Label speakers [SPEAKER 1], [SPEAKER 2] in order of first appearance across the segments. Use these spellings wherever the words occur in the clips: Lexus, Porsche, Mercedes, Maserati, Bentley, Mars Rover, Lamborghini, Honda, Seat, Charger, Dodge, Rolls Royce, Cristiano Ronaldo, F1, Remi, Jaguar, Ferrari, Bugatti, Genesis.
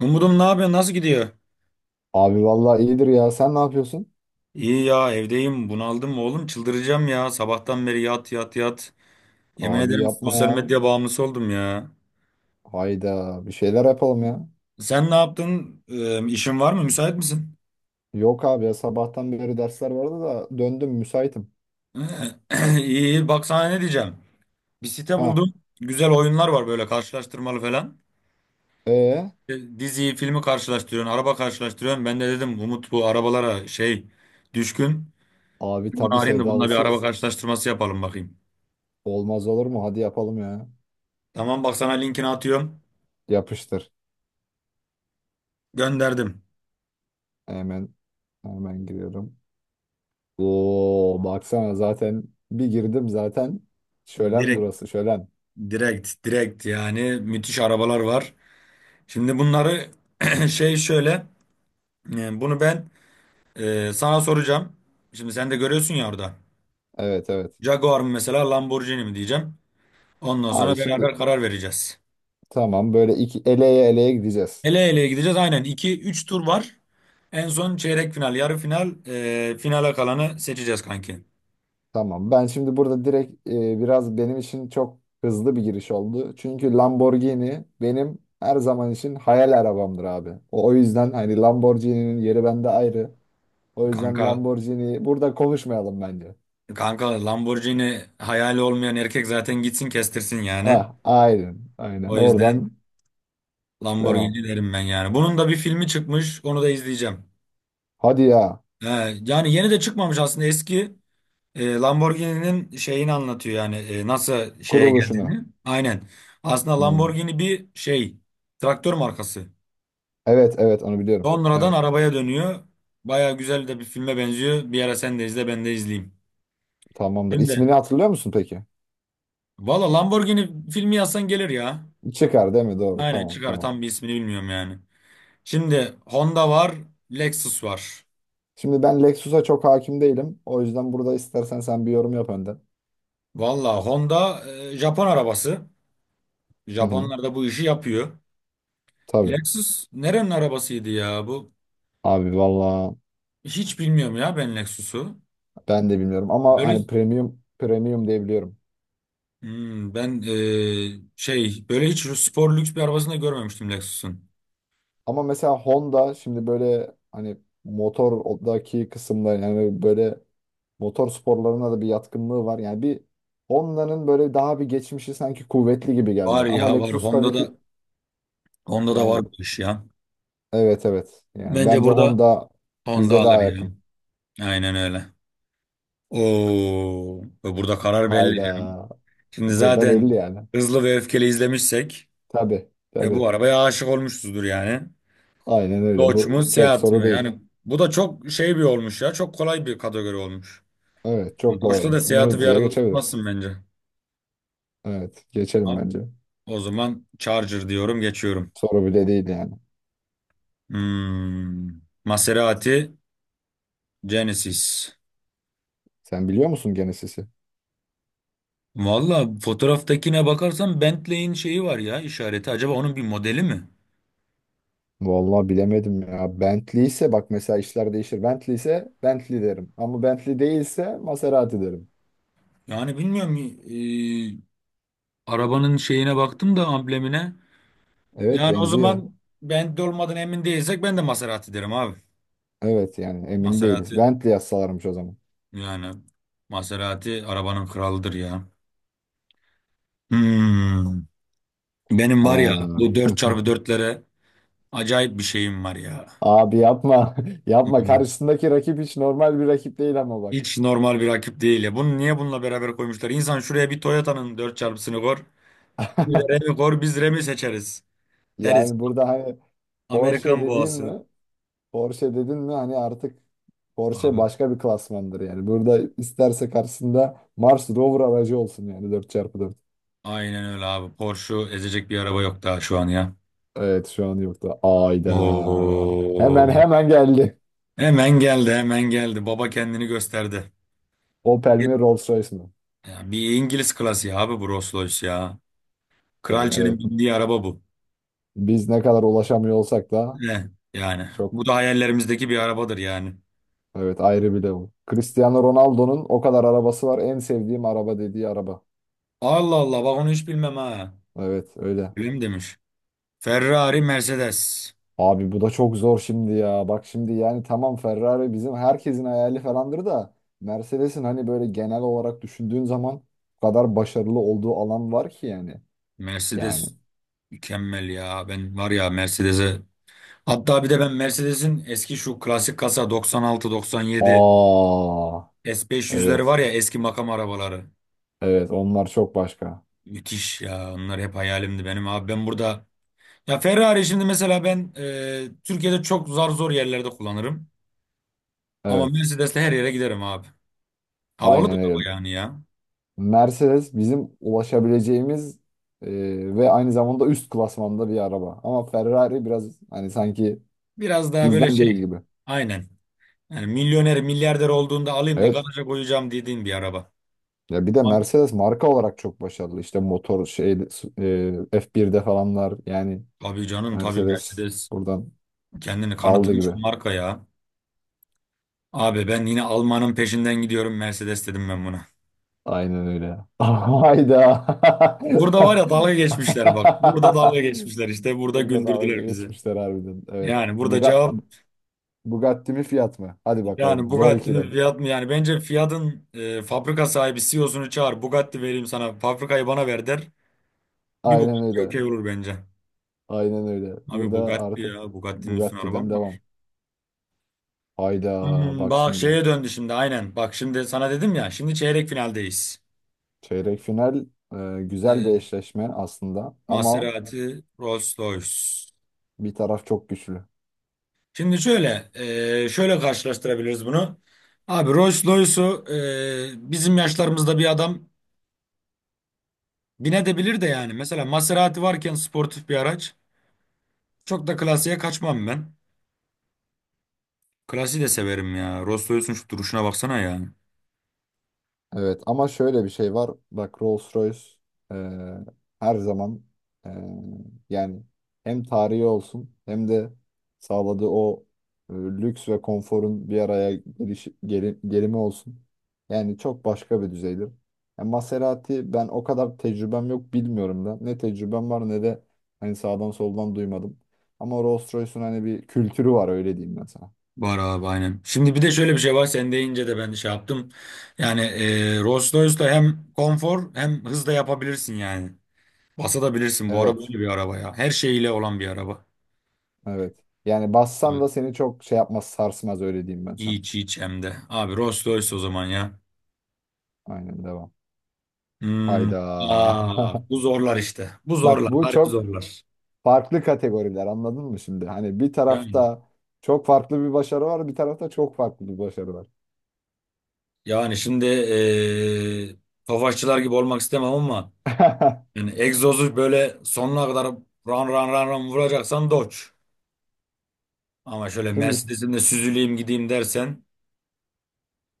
[SPEAKER 1] Umudum ne yapıyor? Nasıl gidiyor?
[SPEAKER 2] Abi vallahi iyidir ya. Sen ne yapıyorsun?
[SPEAKER 1] İyi ya, evdeyim. Bunaldım oğlum. Çıldıracağım ya. Sabahtan beri yat yat yat. Yemin
[SPEAKER 2] Abi
[SPEAKER 1] ederim
[SPEAKER 2] yapma
[SPEAKER 1] sosyal
[SPEAKER 2] ya.
[SPEAKER 1] medya bağımlısı oldum ya.
[SPEAKER 2] Hayda bir şeyler yapalım ya.
[SPEAKER 1] Sen ne yaptın? İşin var mı? Müsait misin?
[SPEAKER 2] Yok abi ya sabahtan beri dersler vardı da döndüm müsaitim.
[SPEAKER 1] İyi iyi. Bak sana ne diyeceğim. Bir site
[SPEAKER 2] Ha.
[SPEAKER 1] buldum. Güzel oyunlar var, böyle karşılaştırmalı falan.
[SPEAKER 2] E
[SPEAKER 1] E, diziyi, filmi karşılaştırıyorsun. Araba karşılaştırıyorsun. Ben de dedim Umut bu arabalara şey düşkün.
[SPEAKER 2] abi
[SPEAKER 1] Bunu
[SPEAKER 2] tabii
[SPEAKER 1] arayayım da bununla bir araba
[SPEAKER 2] sevdalısıyız.
[SPEAKER 1] karşılaştırması yapalım bakayım.
[SPEAKER 2] Olmaz olur mu? Hadi yapalım ya.
[SPEAKER 1] Tamam, bak sana linkini atıyorum.
[SPEAKER 2] Yapıştır.
[SPEAKER 1] Gönderdim.
[SPEAKER 2] Hemen hemen giriyorum. Oo baksana zaten bir girdim zaten. Şölen
[SPEAKER 1] Direkt
[SPEAKER 2] burası şölen.
[SPEAKER 1] direkt yani, müthiş arabalar var. Şimdi bunları şey şöyle bunu ben sana soracağım. Şimdi sen de görüyorsun ya orada.
[SPEAKER 2] Evet evet.
[SPEAKER 1] Jaguar mı mesela Lamborghini mi diyeceğim. Ondan
[SPEAKER 2] Abi
[SPEAKER 1] sonra
[SPEAKER 2] şimdi
[SPEAKER 1] beraber karar vereceğiz.
[SPEAKER 2] tamam böyle iki eleye eleye gideceğiz.
[SPEAKER 1] Ele eleye gideceğiz aynen, 2 üç tur var. En son çeyrek final, yarı final, finale kalanı seçeceğiz kanki.
[SPEAKER 2] Tamam. Ben şimdi burada direkt biraz benim için çok hızlı bir giriş oldu. Çünkü Lamborghini benim her zaman için hayal arabamdır abi. O yüzden hani Lamborghini'nin yeri bende ayrı. O yüzden
[SPEAKER 1] Kanka
[SPEAKER 2] Lamborghini burada konuşmayalım bence.
[SPEAKER 1] kanka Lamborghini hayali olmayan erkek zaten gitsin kestirsin yani.
[SPEAKER 2] Ah, aynen. Aynen.
[SPEAKER 1] O
[SPEAKER 2] Oradan
[SPEAKER 1] yüzden
[SPEAKER 2] devam.
[SPEAKER 1] Lamborghini derim ben yani. Bunun da bir filmi çıkmış. Onu da izleyeceğim.
[SPEAKER 2] Hadi ya.
[SPEAKER 1] He, yani yeni de çıkmamış aslında. Eski Lamborghini'nin şeyini anlatıyor yani. Nasıl şeye
[SPEAKER 2] Kuruluşunu.
[SPEAKER 1] geldiğini. Aynen. Aslında
[SPEAKER 2] Hmm.
[SPEAKER 1] Lamborghini bir şey. Traktör markası.
[SPEAKER 2] Evet, evet onu biliyorum.
[SPEAKER 1] Sonradan
[SPEAKER 2] Evet.
[SPEAKER 1] arabaya dönüyor. Baya güzel de bir filme benziyor. Bir ara sen de izle, ben de izleyeyim.
[SPEAKER 2] Tamamdır.
[SPEAKER 1] Şimdi
[SPEAKER 2] İsmini hatırlıyor musun peki?
[SPEAKER 1] valla Lamborghini filmi yazsan gelir ya.
[SPEAKER 2] Çıkar değil mi? Doğru.
[SPEAKER 1] Aynen
[SPEAKER 2] Tamam,
[SPEAKER 1] çıkar.
[SPEAKER 2] tamam.
[SPEAKER 1] Tam bir ismini bilmiyorum yani. Şimdi Honda var. Lexus var.
[SPEAKER 2] Şimdi ben Lexus'a çok hakim değilim. O yüzden burada istersen sen bir yorum yap önden.
[SPEAKER 1] Valla Honda Japon arabası.
[SPEAKER 2] Hı hı.
[SPEAKER 1] Japonlar da bu işi yapıyor.
[SPEAKER 2] Tabii.
[SPEAKER 1] Lexus nerenin arabasıydı ya bu?
[SPEAKER 2] Abi valla
[SPEAKER 1] Hiç bilmiyorum ya ben Lexus'u.
[SPEAKER 2] ben de bilmiyorum ama
[SPEAKER 1] Böyle,
[SPEAKER 2] hani premium premium diyebiliyorum.
[SPEAKER 1] hmm, ben şey böyle hiç spor lüks bir arabasını da görmemiştim Lexus'un.
[SPEAKER 2] Ama mesela Honda şimdi böyle hani motordaki kısımda yani böyle motor sporlarına da bir yatkınlığı var. Yani bir Honda'nın böyle daha bir geçmişi sanki kuvvetli gibi geldi.
[SPEAKER 1] Var
[SPEAKER 2] Ama
[SPEAKER 1] ya var
[SPEAKER 2] Lexus tabii ki
[SPEAKER 1] Honda'da Honda'da var
[SPEAKER 2] yani
[SPEAKER 1] bu iş ya.
[SPEAKER 2] evet evet. Yani
[SPEAKER 1] Bence
[SPEAKER 2] bence
[SPEAKER 1] burada
[SPEAKER 2] Honda
[SPEAKER 1] Honda
[SPEAKER 2] bize
[SPEAKER 1] alır
[SPEAKER 2] daha
[SPEAKER 1] yani.
[SPEAKER 2] yakın.
[SPEAKER 1] Aynen öyle. Oo, burada karar belli canım.
[SPEAKER 2] Hayda.
[SPEAKER 1] Şimdi
[SPEAKER 2] Burada belli
[SPEAKER 1] zaten
[SPEAKER 2] yani.
[SPEAKER 1] hızlı ve öfkeli izlemişsek
[SPEAKER 2] Tabii tabii.
[SPEAKER 1] bu arabaya aşık olmuşuzdur yani.
[SPEAKER 2] Aynen öyle.
[SPEAKER 1] Doç mu
[SPEAKER 2] Bu çok
[SPEAKER 1] Seat
[SPEAKER 2] soru
[SPEAKER 1] mı?
[SPEAKER 2] değil.
[SPEAKER 1] Yani bu da çok şey bir olmuş ya. Çok kolay bir kategori olmuş.
[SPEAKER 2] Evet çok kolay
[SPEAKER 1] Doç'la da
[SPEAKER 2] olmuş. Bunu
[SPEAKER 1] Seat'ı bir
[SPEAKER 2] hızlıca
[SPEAKER 1] arada
[SPEAKER 2] geçebiliriz.
[SPEAKER 1] tutmazsın bence.
[SPEAKER 2] Evet geçelim
[SPEAKER 1] Ha,
[SPEAKER 2] bence.
[SPEAKER 1] o zaman Charger diyorum, geçiyorum.
[SPEAKER 2] Soru bile değil yani.
[SPEAKER 1] Hmm. Maserati, Genesis.
[SPEAKER 2] Sen biliyor musun Genesis'i?
[SPEAKER 1] Valla fotoğraftakine bakarsan Bentley'in şeyi var ya, işareti. Acaba onun bir modeli mi?
[SPEAKER 2] Vallahi bilemedim ya. Bentley ise bak mesela işler değişir. Bentley ise Bentley derim. Ama Bentley değilse Maserati derim.
[SPEAKER 1] Yani bilmiyorum. Arabanın şeyine baktım da, amblemine.
[SPEAKER 2] Evet
[SPEAKER 1] Yani o
[SPEAKER 2] benziyor.
[SPEAKER 1] zaman Bentley olmadan emin değilsek ben de Maserati derim abi.
[SPEAKER 2] Evet yani emin değiliz.
[SPEAKER 1] Maserati.
[SPEAKER 2] Bentley yazsalarmış o zaman.
[SPEAKER 1] Yani Maserati arabanın kralıdır ya. Hmm. Benim var ya
[SPEAKER 2] Ha.
[SPEAKER 1] bu dört çarpı dörtlere acayip bir şeyim var ya.
[SPEAKER 2] Abi yapma. Yapma.
[SPEAKER 1] Vallahi.
[SPEAKER 2] Karşısındaki rakip hiç normal bir rakip değil ama bak.
[SPEAKER 1] Hiç normal bir rakip değil ya. Bunu niye bununla beraber koymuşlar? İnsan şuraya bir Toyota'nın dört xını koy. Bir de Remi koy, biz Remi seçeriz. Deriz.
[SPEAKER 2] Yani burada hani Porsche
[SPEAKER 1] Amerikan
[SPEAKER 2] dediğin
[SPEAKER 1] boğası.
[SPEAKER 2] mi? Porsche dedin mi hani artık Porsche
[SPEAKER 1] Abi.
[SPEAKER 2] başka bir klasmandır yani. Burada isterse karşısında Mars Rover aracı olsun yani dört çarpı dört.
[SPEAKER 1] Aynen öyle abi. Porsche'u ezecek bir araba yok daha şu an ya.
[SPEAKER 2] Evet şu an yoktu. Ayda.
[SPEAKER 1] Oo.
[SPEAKER 2] Hemen hemen geldi.
[SPEAKER 1] Hemen geldi, hemen geldi. Baba kendini gösterdi.
[SPEAKER 2] Opel mi Rolls Royce mi?
[SPEAKER 1] Ya bir İngiliz klasiği abi bu Rolls Royce ya.
[SPEAKER 2] Yani
[SPEAKER 1] Kraliçenin
[SPEAKER 2] evet
[SPEAKER 1] bindiği araba bu.
[SPEAKER 2] biz ne kadar ulaşamıyor olsak da
[SPEAKER 1] Ne? Yani
[SPEAKER 2] çok
[SPEAKER 1] bu da hayallerimizdeki bir arabadır yani.
[SPEAKER 2] evet ayrı bir level. Cristiano Ronaldo'nun o kadar arabası var en sevdiğim araba dediği araba.
[SPEAKER 1] Allah Allah, bak onu hiç bilmem ha.
[SPEAKER 2] Evet öyle.
[SPEAKER 1] Öyle mi demiş? Ferrari, Mercedes.
[SPEAKER 2] Abi bu da çok zor şimdi ya. Bak şimdi yani tamam Ferrari bizim herkesin hayali falandır da Mercedes'in hani böyle genel olarak düşündüğün zaman bu kadar başarılı olduğu alan var ki yani. Yani.
[SPEAKER 1] Mercedes mükemmel ya. Ben var ya Mercedes'e. Hatta bir de ben Mercedes'in eski şu klasik kasa 96-97
[SPEAKER 2] Aa
[SPEAKER 1] S500'leri var
[SPEAKER 2] evet.
[SPEAKER 1] ya, eski makam arabaları.
[SPEAKER 2] Evet onlar çok başka.
[SPEAKER 1] Müthiş ya. Onlar hep hayalimdi benim abi. Ben burada, ya Ferrari şimdi mesela ben Türkiye'de çok zar zor yerlerde kullanırım. Ama
[SPEAKER 2] Evet.
[SPEAKER 1] Mercedes'le her yere giderim abi. Havalı da
[SPEAKER 2] Aynen öyle.
[SPEAKER 1] araba yani ya.
[SPEAKER 2] Mercedes bizim ulaşabileceğimiz e, ve aynı zamanda üst klasmanda bir araba. Ama Ferrari biraz hani sanki
[SPEAKER 1] Biraz daha böyle
[SPEAKER 2] bizden değil
[SPEAKER 1] şey.
[SPEAKER 2] gibi.
[SPEAKER 1] Aynen. Yani milyoner, milyarder olduğunda alayım da
[SPEAKER 2] Evet.
[SPEAKER 1] garaja koyacağım dediğin bir araba.
[SPEAKER 2] Ya bir de
[SPEAKER 1] Ama
[SPEAKER 2] Mercedes marka olarak çok başarılı. İşte motor şey F1'de falanlar yani
[SPEAKER 1] tabii canım, tabii
[SPEAKER 2] Mercedes
[SPEAKER 1] Mercedes.
[SPEAKER 2] buradan
[SPEAKER 1] Kendini
[SPEAKER 2] aldı
[SPEAKER 1] kanıtlamış
[SPEAKER 2] gibi.
[SPEAKER 1] bir marka ya. Abi ben yine Alman'ın peşinden gidiyorum, Mercedes dedim ben buna.
[SPEAKER 2] Aynen öyle. Hayda.
[SPEAKER 1] Burada var ya dalga geçmişler bak. Burada dalga geçmişler işte. Burada
[SPEAKER 2] Burada dalga
[SPEAKER 1] güldürdüler bizi.
[SPEAKER 2] geçmişler harbiden. Evet.
[SPEAKER 1] Yani burada cevap.
[SPEAKER 2] Bugatti mi fiyat mı? Hadi
[SPEAKER 1] Yani
[SPEAKER 2] bakalım. Zor
[SPEAKER 1] Bugatti'nin
[SPEAKER 2] ikilem.
[SPEAKER 1] fiyat mı? Yani bence Fiat'ın fabrika sahibi CEO'sunu çağır. Bugatti vereyim sana. Fabrikayı bana ver der. Bir
[SPEAKER 2] Aynen
[SPEAKER 1] Bugatti
[SPEAKER 2] öyle.
[SPEAKER 1] okey olur bence.
[SPEAKER 2] Aynen öyle.
[SPEAKER 1] Abi
[SPEAKER 2] Burada
[SPEAKER 1] Bugatti
[SPEAKER 2] artık
[SPEAKER 1] ya. Bugatti'nin üstüne araba
[SPEAKER 2] Bugatti'den
[SPEAKER 1] mı var?
[SPEAKER 2] devam. Hayda.
[SPEAKER 1] Hmm,
[SPEAKER 2] Bak
[SPEAKER 1] bak
[SPEAKER 2] şimdi.
[SPEAKER 1] şeye döndü şimdi, aynen. Bak şimdi sana dedim ya. Şimdi çeyrek finaldeyiz.
[SPEAKER 2] Çeyrek final güzel bir
[SPEAKER 1] E,
[SPEAKER 2] eşleşme aslında ama
[SPEAKER 1] Maserati, Rolls-Royce.
[SPEAKER 2] bir taraf çok güçlü.
[SPEAKER 1] Şimdi şöyle, şöyle karşılaştırabiliriz bunu. Abi Rolls-Royce'u bizim yaşlarımızda bir adam binebilir de yani. Mesela Maserati varken, sportif bir araç. Çok da klasiğe kaçmam ben. Klasiği de severim ya. Rostoy'sun şu duruşuna baksana ya.
[SPEAKER 2] Evet ama şöyle bir şey var. Bak Rolls-Royce eee, her zaman eee, yani hem tarihi olsun hem de sağladığı o lüks ve konforun bir araya gelimi olsun. Yani çok başka bir düzeydir. Yani Maserati ben o kadar tecrübem yok bilmiyorum da. Ne tecrübem var ne de hani sağdan soldan duymadım. Ama Rolls-Royce'un hani bir kültürü var öyle diyeyim ben sana.
[SPEAKER 1] Bahar abi aynen. Şimdi bir de şöyle bir şey var. Sen deyince de ben de şey yaptım. Yani Rolls-Royce'da hem konfor hem hız da yapabilirsin yani. Basabilirsin. Bu araba
[SPEAKER 2] Evet.
[SPEAKER 1] böyle bir araba ya. Her şeyiyle olan bir araba.
[SPEAKER 2] Evet. Yani bassan da
[SPEAKER 1] Evet.
[SPEAKER 2] seni çok şey yapmaz, sarsmaz öyle diyeyim ben sana.
[SPEAKER 1] Hiç hiç hem de. Abi Rolls-Royce o zaman ya.
[SPEAKER 2] Aynen devam.
[SPEAKER 1] Hmm.
[SPEAKER 2] Hayda.
[SPEAKER 1] Ya bu zorlar işte. Bu
[SPEAKER 2] Bak
[SPEAKER 1] zorlar.
[SPEAKER 2] bu
[SPEAKER 1] Harbi
[SPEAKER 2] çok
[SPEAKER 1] zorlar.
[SPEAKER 2] farklı kategoriler anladın mı şimdi? Hani bir
[SPEAKER 1] Yani,
[SPEAKER 2] tarafta çok farklı bir başarı var, bir tarafta çok farklı bir başarı var.
[SPEAKER 1] yani şimdi Tofaşçılar gibi olmak istemem ama yani egzozu böyle sonuna kadar ran ran ran ran vuracaksan Dodge. Ama şöyle
[SPEAKER 2] Şimdi
[SPEAKER 1] Mercedes'imle süzüleyim gideyim dersen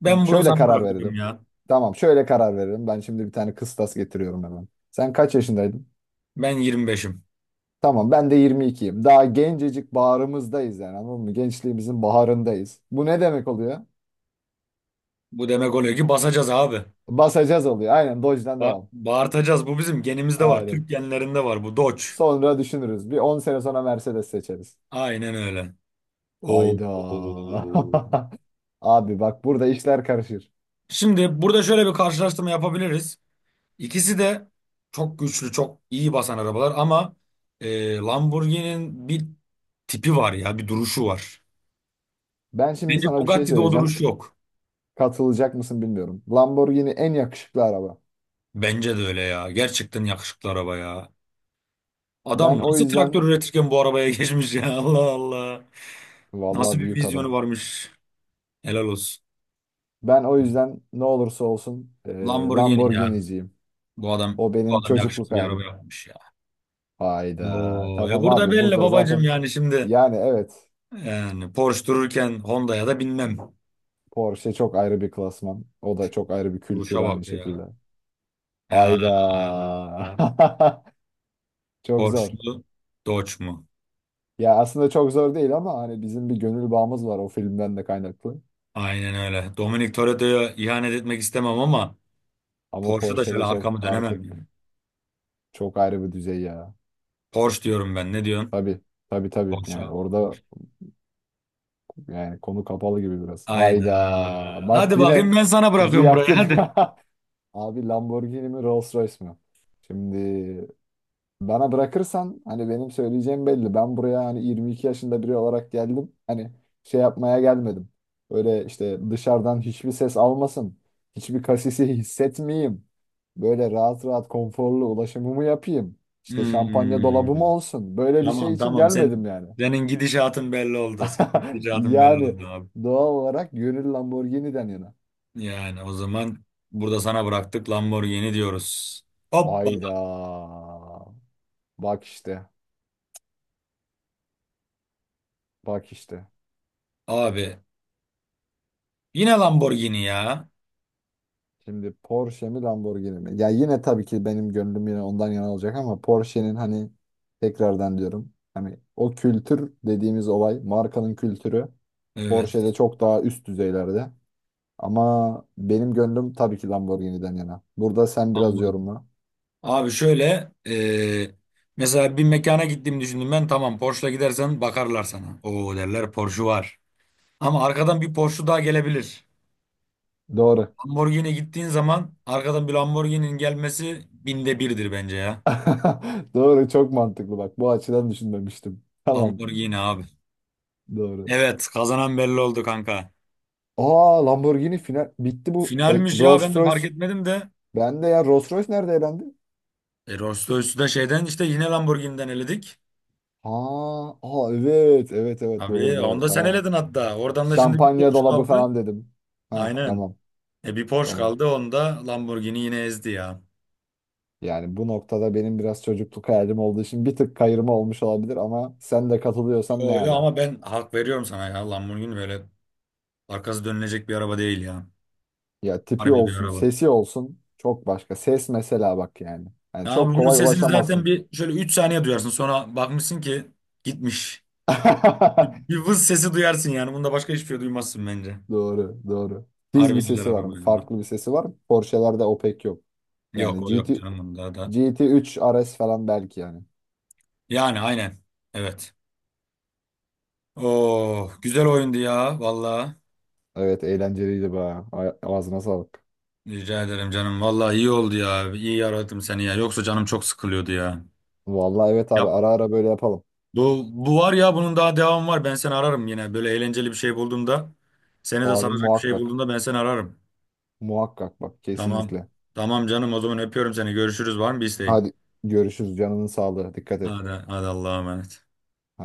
[SPEAKER 1] ben bunu
[SPEAKER 2] şöyle
[SPEAKER 1] sana
[SPEAKER 2] karar
[SPEAKER 1] bırakıyorum
[SPEAKER 2] verelim.
[SPEAKER 1] ya.
[SPEAKER 2] Tamam, şöyle karar verelim. Ben şimdi bir tane kıstas getiriyorum hemen. Sen kaç yaşındaydın?
[SPEAKER 1] Ben 25'im.
[SPEAKER 2] Tamam, ben de 22'yim. Daha gencecik bağrımızdayız yani anladın mı? Gençliğimizin baharındayız. Bu ne demek oluyor?
[SPEAKER 1] Bu demek oluyor ki basacağız abi.
[SPEAKER 2] Basacağız oluyor. Aynen Dodge'den
[SPEAKER 1] Ba
[SPEAKER 2] devam.
[SPEAKER 1] bağırtacağız. Bu bizim genimizde var. Türk
[SPEAKER 2] Aynen.
[SPEAKER 1] genlerinde var bu Dodge.
[SPEAKER 2] Sonra düşünürüz. Bir 10 sene sonra Mercedes seçeriz.
[SPEAKER 1] Aynen öyle. Oo.
[SPEAKER 2] Hayda. Abi bak burada işler karışır.
[SPEAKER 1] Şimdi burada şöyle bir karşılaştırma yapabiliriz. İkisi de çok güçlü, çok iyi basan arabalar ama Lamborghini'nin bir tipi var ya, bir duruşu var.
[SPEAKER 2] Ben şimdi
[SPEAKER 1] Bence
[SPEAKER 2] sana bir şey
[SPEAKER 1] Bugatti'de o duruş
[SPEAKER 2] söyleyeceğim.
[SPEAKER 1] yok.
[SPEAKER 2] Katılacak mısın bilmiyorum. Lamborghini en yakışıklı araba.
[SPEAKER 1] Bence de öyle ya. Gerçekten yakışıklı araba ya.
[SPEAKER 2] Ben
[SPEAKER 1] Adam
[SPEAKER 2] o
[SPEAKER 1] nasıl
[SPEAKER 2] yüzden
[SPEAKER 1] traktör üretirken bu arabaya geçmiş ya. Allah Allah. Nasıl
[SPEAKER 2] vallahi
[SPEAKER 1] bir
[SPEAKER 2] büyük adam.
[SPEAKER 1] vizyonu varmış. Helal olsun.
[SPEAKER 2] Ben o yüzden ne olursa olsun
[SPEAKER 1] Lamborghini ya.
[SPEAKER 2] Lamborghini'ciyim.
[SPEAKER 1] Bu adam
[SPEAKER 2] O
[SPEAKER 1] bu
[SPEAKER 2] benim
[SPEAKER 1] adam
[SPEAKER 2] çocukluk
[SPEAKER 1] yakışıklı bir araba
[SPEAKER 2] hayalim.
[SPEAKER 1] yapmış ya.
[SPEAKER 2] Hayda.
[SPEAKER 1] Oo,
[SPEAKER 2] Tamam
[SPEAKER 1] burada
[SPEAKER 2] abi
[SPEAKER 1] belli
[SPEAKER 2] burada
[SPEAKER 1] babacım
[SPEAKER 2] zaten
[SPEAKER 1] yani şimdi.
[SPEAKER 2] yani evet
[SPEAKER 1] Yani Porsche dururken Honda'ya da binmem.
[SPEAKER 2] Porsche çok ayrı bir klasman. O da çok ayrı bir kültür
[SPEAKER 1] Duruşa
[SPEAKER 2] aynı
[SPEAKER 1] bak
[SPEAKER 2] şekilde.
[SPEAKER 1] ya. Ya,
[SPEAKER 2] Hayda. Çok
[SPEAKER 1] Porsche
[SPEAKER 2] zor.
[SPEAKER 1] mu? Dodge mu?
[SPEAKER 2] Ya aslında çok zor değil ama hani bizim bir gönül bağımız var o filmden de kaynaklı.
[SPEAKER 1] Aynen öyle. Dominic Toretto'ya ihanet etmek istemem ama
[SPEAKER 2] Ama
[SPEAKER 1] Porsche da şöyle
[SPEAKER 2] Porsche'de çok
[SPEAKER 1] arkamı dönemem ya.
[SPEAKER 2] artık çok ayrı bir düzey ya.
[SPEAKER 1] Porsche diyorum ben. Ne diyorsun?
[SPEAKER 2] Tabii. Tabii tabii.
[SPEAKER 1] Porsche,
[SPEAKER 2] Yani
[SPEAKER 1] abi.
[SPEAKER 2] orada yani konu kapalı gibi biraz.
[SPEAKER 1] Hayda.
[SPEAKER 2] Hayda. Bak
[SPEAKER 1] Hadi
[SPEAKER 2] yine
[SPEAKER 1] bakayım, ben sana
[SPEAKER 2] bizi
[SPEAKER 1] bırakıyorum burayı.
[SPEAKER 2] yaktın.
[SPEAKER 1] Hadi.
[SPEAKER 2] Abi Lamborghini mi Rolls Royce mi? Şimdi bana bırakırsan hani benim söyleyeceğim belli. Ben buraya hani 22 yaşında biri olarak geldim. Hani şey yapmaya gelmedim. Öyle işte dışarıdan hiçbir ses almasın. Hiçbir kasisi hissetmeyeyim. Böyle rahat rahat konforlu ulaşımımı yapayım. İşte şampanya dolabım
[SPEAKER 1] Hmm.
[SPEAKER 2] olsun. Böyle bir şey
[SPEAKER 1] Tamam,
[SPEAKER 2] için
[SPEAKER 1] tamam.
[SPEAKER 2] gelmedim yani.
[SPEAKER 1] Senin gidişatın belli oldu. Senin gidişatın belli
[SPEAKER 2] Yani
[SPEAKER 1] oldu abi.
[SPEAKER 2] doğal olarak gönül Lamborghini'den yana.
[SPEAKER 1] Yani o zaman burada sana bıraktık, Lamborghini diyoruz.
[SPEAKER 2] Hayda.
[SPEAKER 1] Hoppala.
[SPEAKER 2] Bak işte. Bak işte.
[SPEAKER 1] Abi yine Lamborghini ya.
[SPEAKER 2] Şimdi Porsche mi Lamborghini mi? Ya yine tabii ki benim gönlüm yine ondan yana olacak ama Porsche'nin hani tekrardan diyorum. Hani o kültür dediğimiz olay, markanın kültürü Porsche'de
[SPEAKER 1] Evet.
[SPEAKER 2] çok daha üst düzeylerde. Ama benim gönlüm tabii ki Lamborghini'den yana. Burada sen biraz
[SPEAKER 1] Lamborghini.
[SPEAKER 2] yorumla.
[SPEAKER 1] Abi şöyle mesela bir mekana gittiğimi düşündüm ben, tamam Porsche'la gidersen bakarlar sana. Oo derler, Porsche var. Ama arkadan bir Porsche daha gelebilir.
[SPEAKER 2] Doğru.
[SPEAKER 1] Lamborghini gittiğin zaman arkadan bir Lamborghini'nin gelmesi 1000'de birdir bence ya.
[SPEAKER 2] Doğru, çok mantıklı bak. Bu açıdan düşünmemiştim. Tamam,
[SPEAKER 1] Lamborghini abi.
[SPEAKER 2] doğru.
[SPEAKER 1] Evet, kazanan belli oldu kanka.
[SPEAKER 2] Aa Lamborghini final bitti bu. E,
[SPEAKER 1] Finalmiş ya,
[SPEAKER 2] Rolls
[SPEAKER 1] ben de fark
[SPEAKER 2] Royce.
[SPEAKER 1] etmedim de.
[SPEAKER 2] Ben de ya Rolls Royce nerede elendi?
[SPEAKER 1] Rolls Royce'u da şeyden işte yine Lamborghini'den eledik.
[SPEAKER 2] Ha, aa, evet evet evet doğru
[SPEAKER 1] Abi onu
[SPEAKER 2] doğru
[SPEAKER 1] da sen
[SPEAKER 2] tamam.
[SPEAKER 1] eledin hatta. Oradan da şimdi bir
[SPEAKER 2] Şampanya
[SPEAKER 1] Porsche
[SPEAKER 2] dolabı
[SPEAKER 1] kaldı.
[SPEAKER 2] falan dedim. Ha
[SPEAKER 1] Aynen.
[SPEAKER 2] tamam
[SPEAKER 1] Bir Porsche
[SPEAKER 2] tamam.
[SPEAKER 1] kaldı, onda Lamborghini yine ezdi ya.
[SPEAKER 2] Yani bu noktada benim biraz çocukluk hayalim olduğu için bir tık kayırma olmuş olabilir ama sen de
[SPEAKER 1] Yo
[SPEAKER 2] katılıyorsan ne
[SPEAKER 1] yo,
[SPEAKER 2] ala.
[SPEAKER 1] ama ben hak veriyorum sana ya. Lamborghini böyle arkası dönülecek bir araba değil ya.
[SPEAKER 2] Ya tipi
[SPEAKER 1] Harbi bir
[SPEAKER 2] olsun,
[SPEAKER 1] araba.
[SPEAKER 2] sesi olsun çok başka. Ses mesela bak yani. Yani
[SPEAKER 1] Ya abi
[SPEAKER 2] çok
[SPEAKER 1] bunun
[SPEAKER 2] kolay
[SPEAKER 1] sesini zaten
[SPEAKER 2] ulaşamazsın.
[SPEAKER 1] bir şöyle 3 saniye duyarsın. Sonra bakmışsın ki gitmiş. Bir vız sesi duyarsın yani. Bunda başka hiçbir şey duymazsın bence.
[SPEAKER 2] Doğru doğru. Tiz bir
[SPEAKER 1] Harbi güzel
[SPEAKER 2] sesi var
[SPEAKER 1] araba
[SPEAKER 2] mı?
[SPEAKER 1] ya.
[SPEAKER 2] Farklı bir sesi var mı? Porsche'lerde o pek yok.
[SPEAKER 1] Yok,
[SPEAKER 2] Yani
[SPEAKER 1] o yok
[SPEAKER 2] GT,
[SPEAKER 1] canım bunda da.
[SPEAKER 2] GT3 RS falan belki yani.
[SPEAKER 1] Yani aynen. Evet. Oo, güzel oyundu ya valla.
[SPEAKER 2] Evet eğlenceliydi be. Ağzına sağlık.
[SPEAKER 1] Rica ederim canım. Valla iyi oldu ya. İyi aradım seni ya. Yoksa canım çok sıkılıyordu ya.
[SPEAKER 2] Vallahi evet abi
[SPEAKER 1] Yap.
[SPEAKER 2] ara ara böyle yapalım.
[SPEAKER 1] Bu var ya bunun daha devamı var. Ben seni ararım yine. Böyle eğlenceli bir şey bulduğumda. Seni de
[SPEAKER 2] Abi
[SPEAKER 1] saracak bir şey
[SPEAKER 2] muhakkak.
[SPEAKER 1] bulduğumda ben seni ararım.
[SPEAKER 2] Muhakkak bak
[SPEAKER 1] Tamam.
[SPEAKER 2] kesinlikle.
[SPEAKER 1] Tamam canım, o zaman öpüyorum seni. Görüşürüz, var mı bir isteğin?
[SPEAKER 2] Hadi görüşürüz canının sağlığı. Dikkat et.
[SPEAKER 1] Hadi, hadi, Allah'a emanet.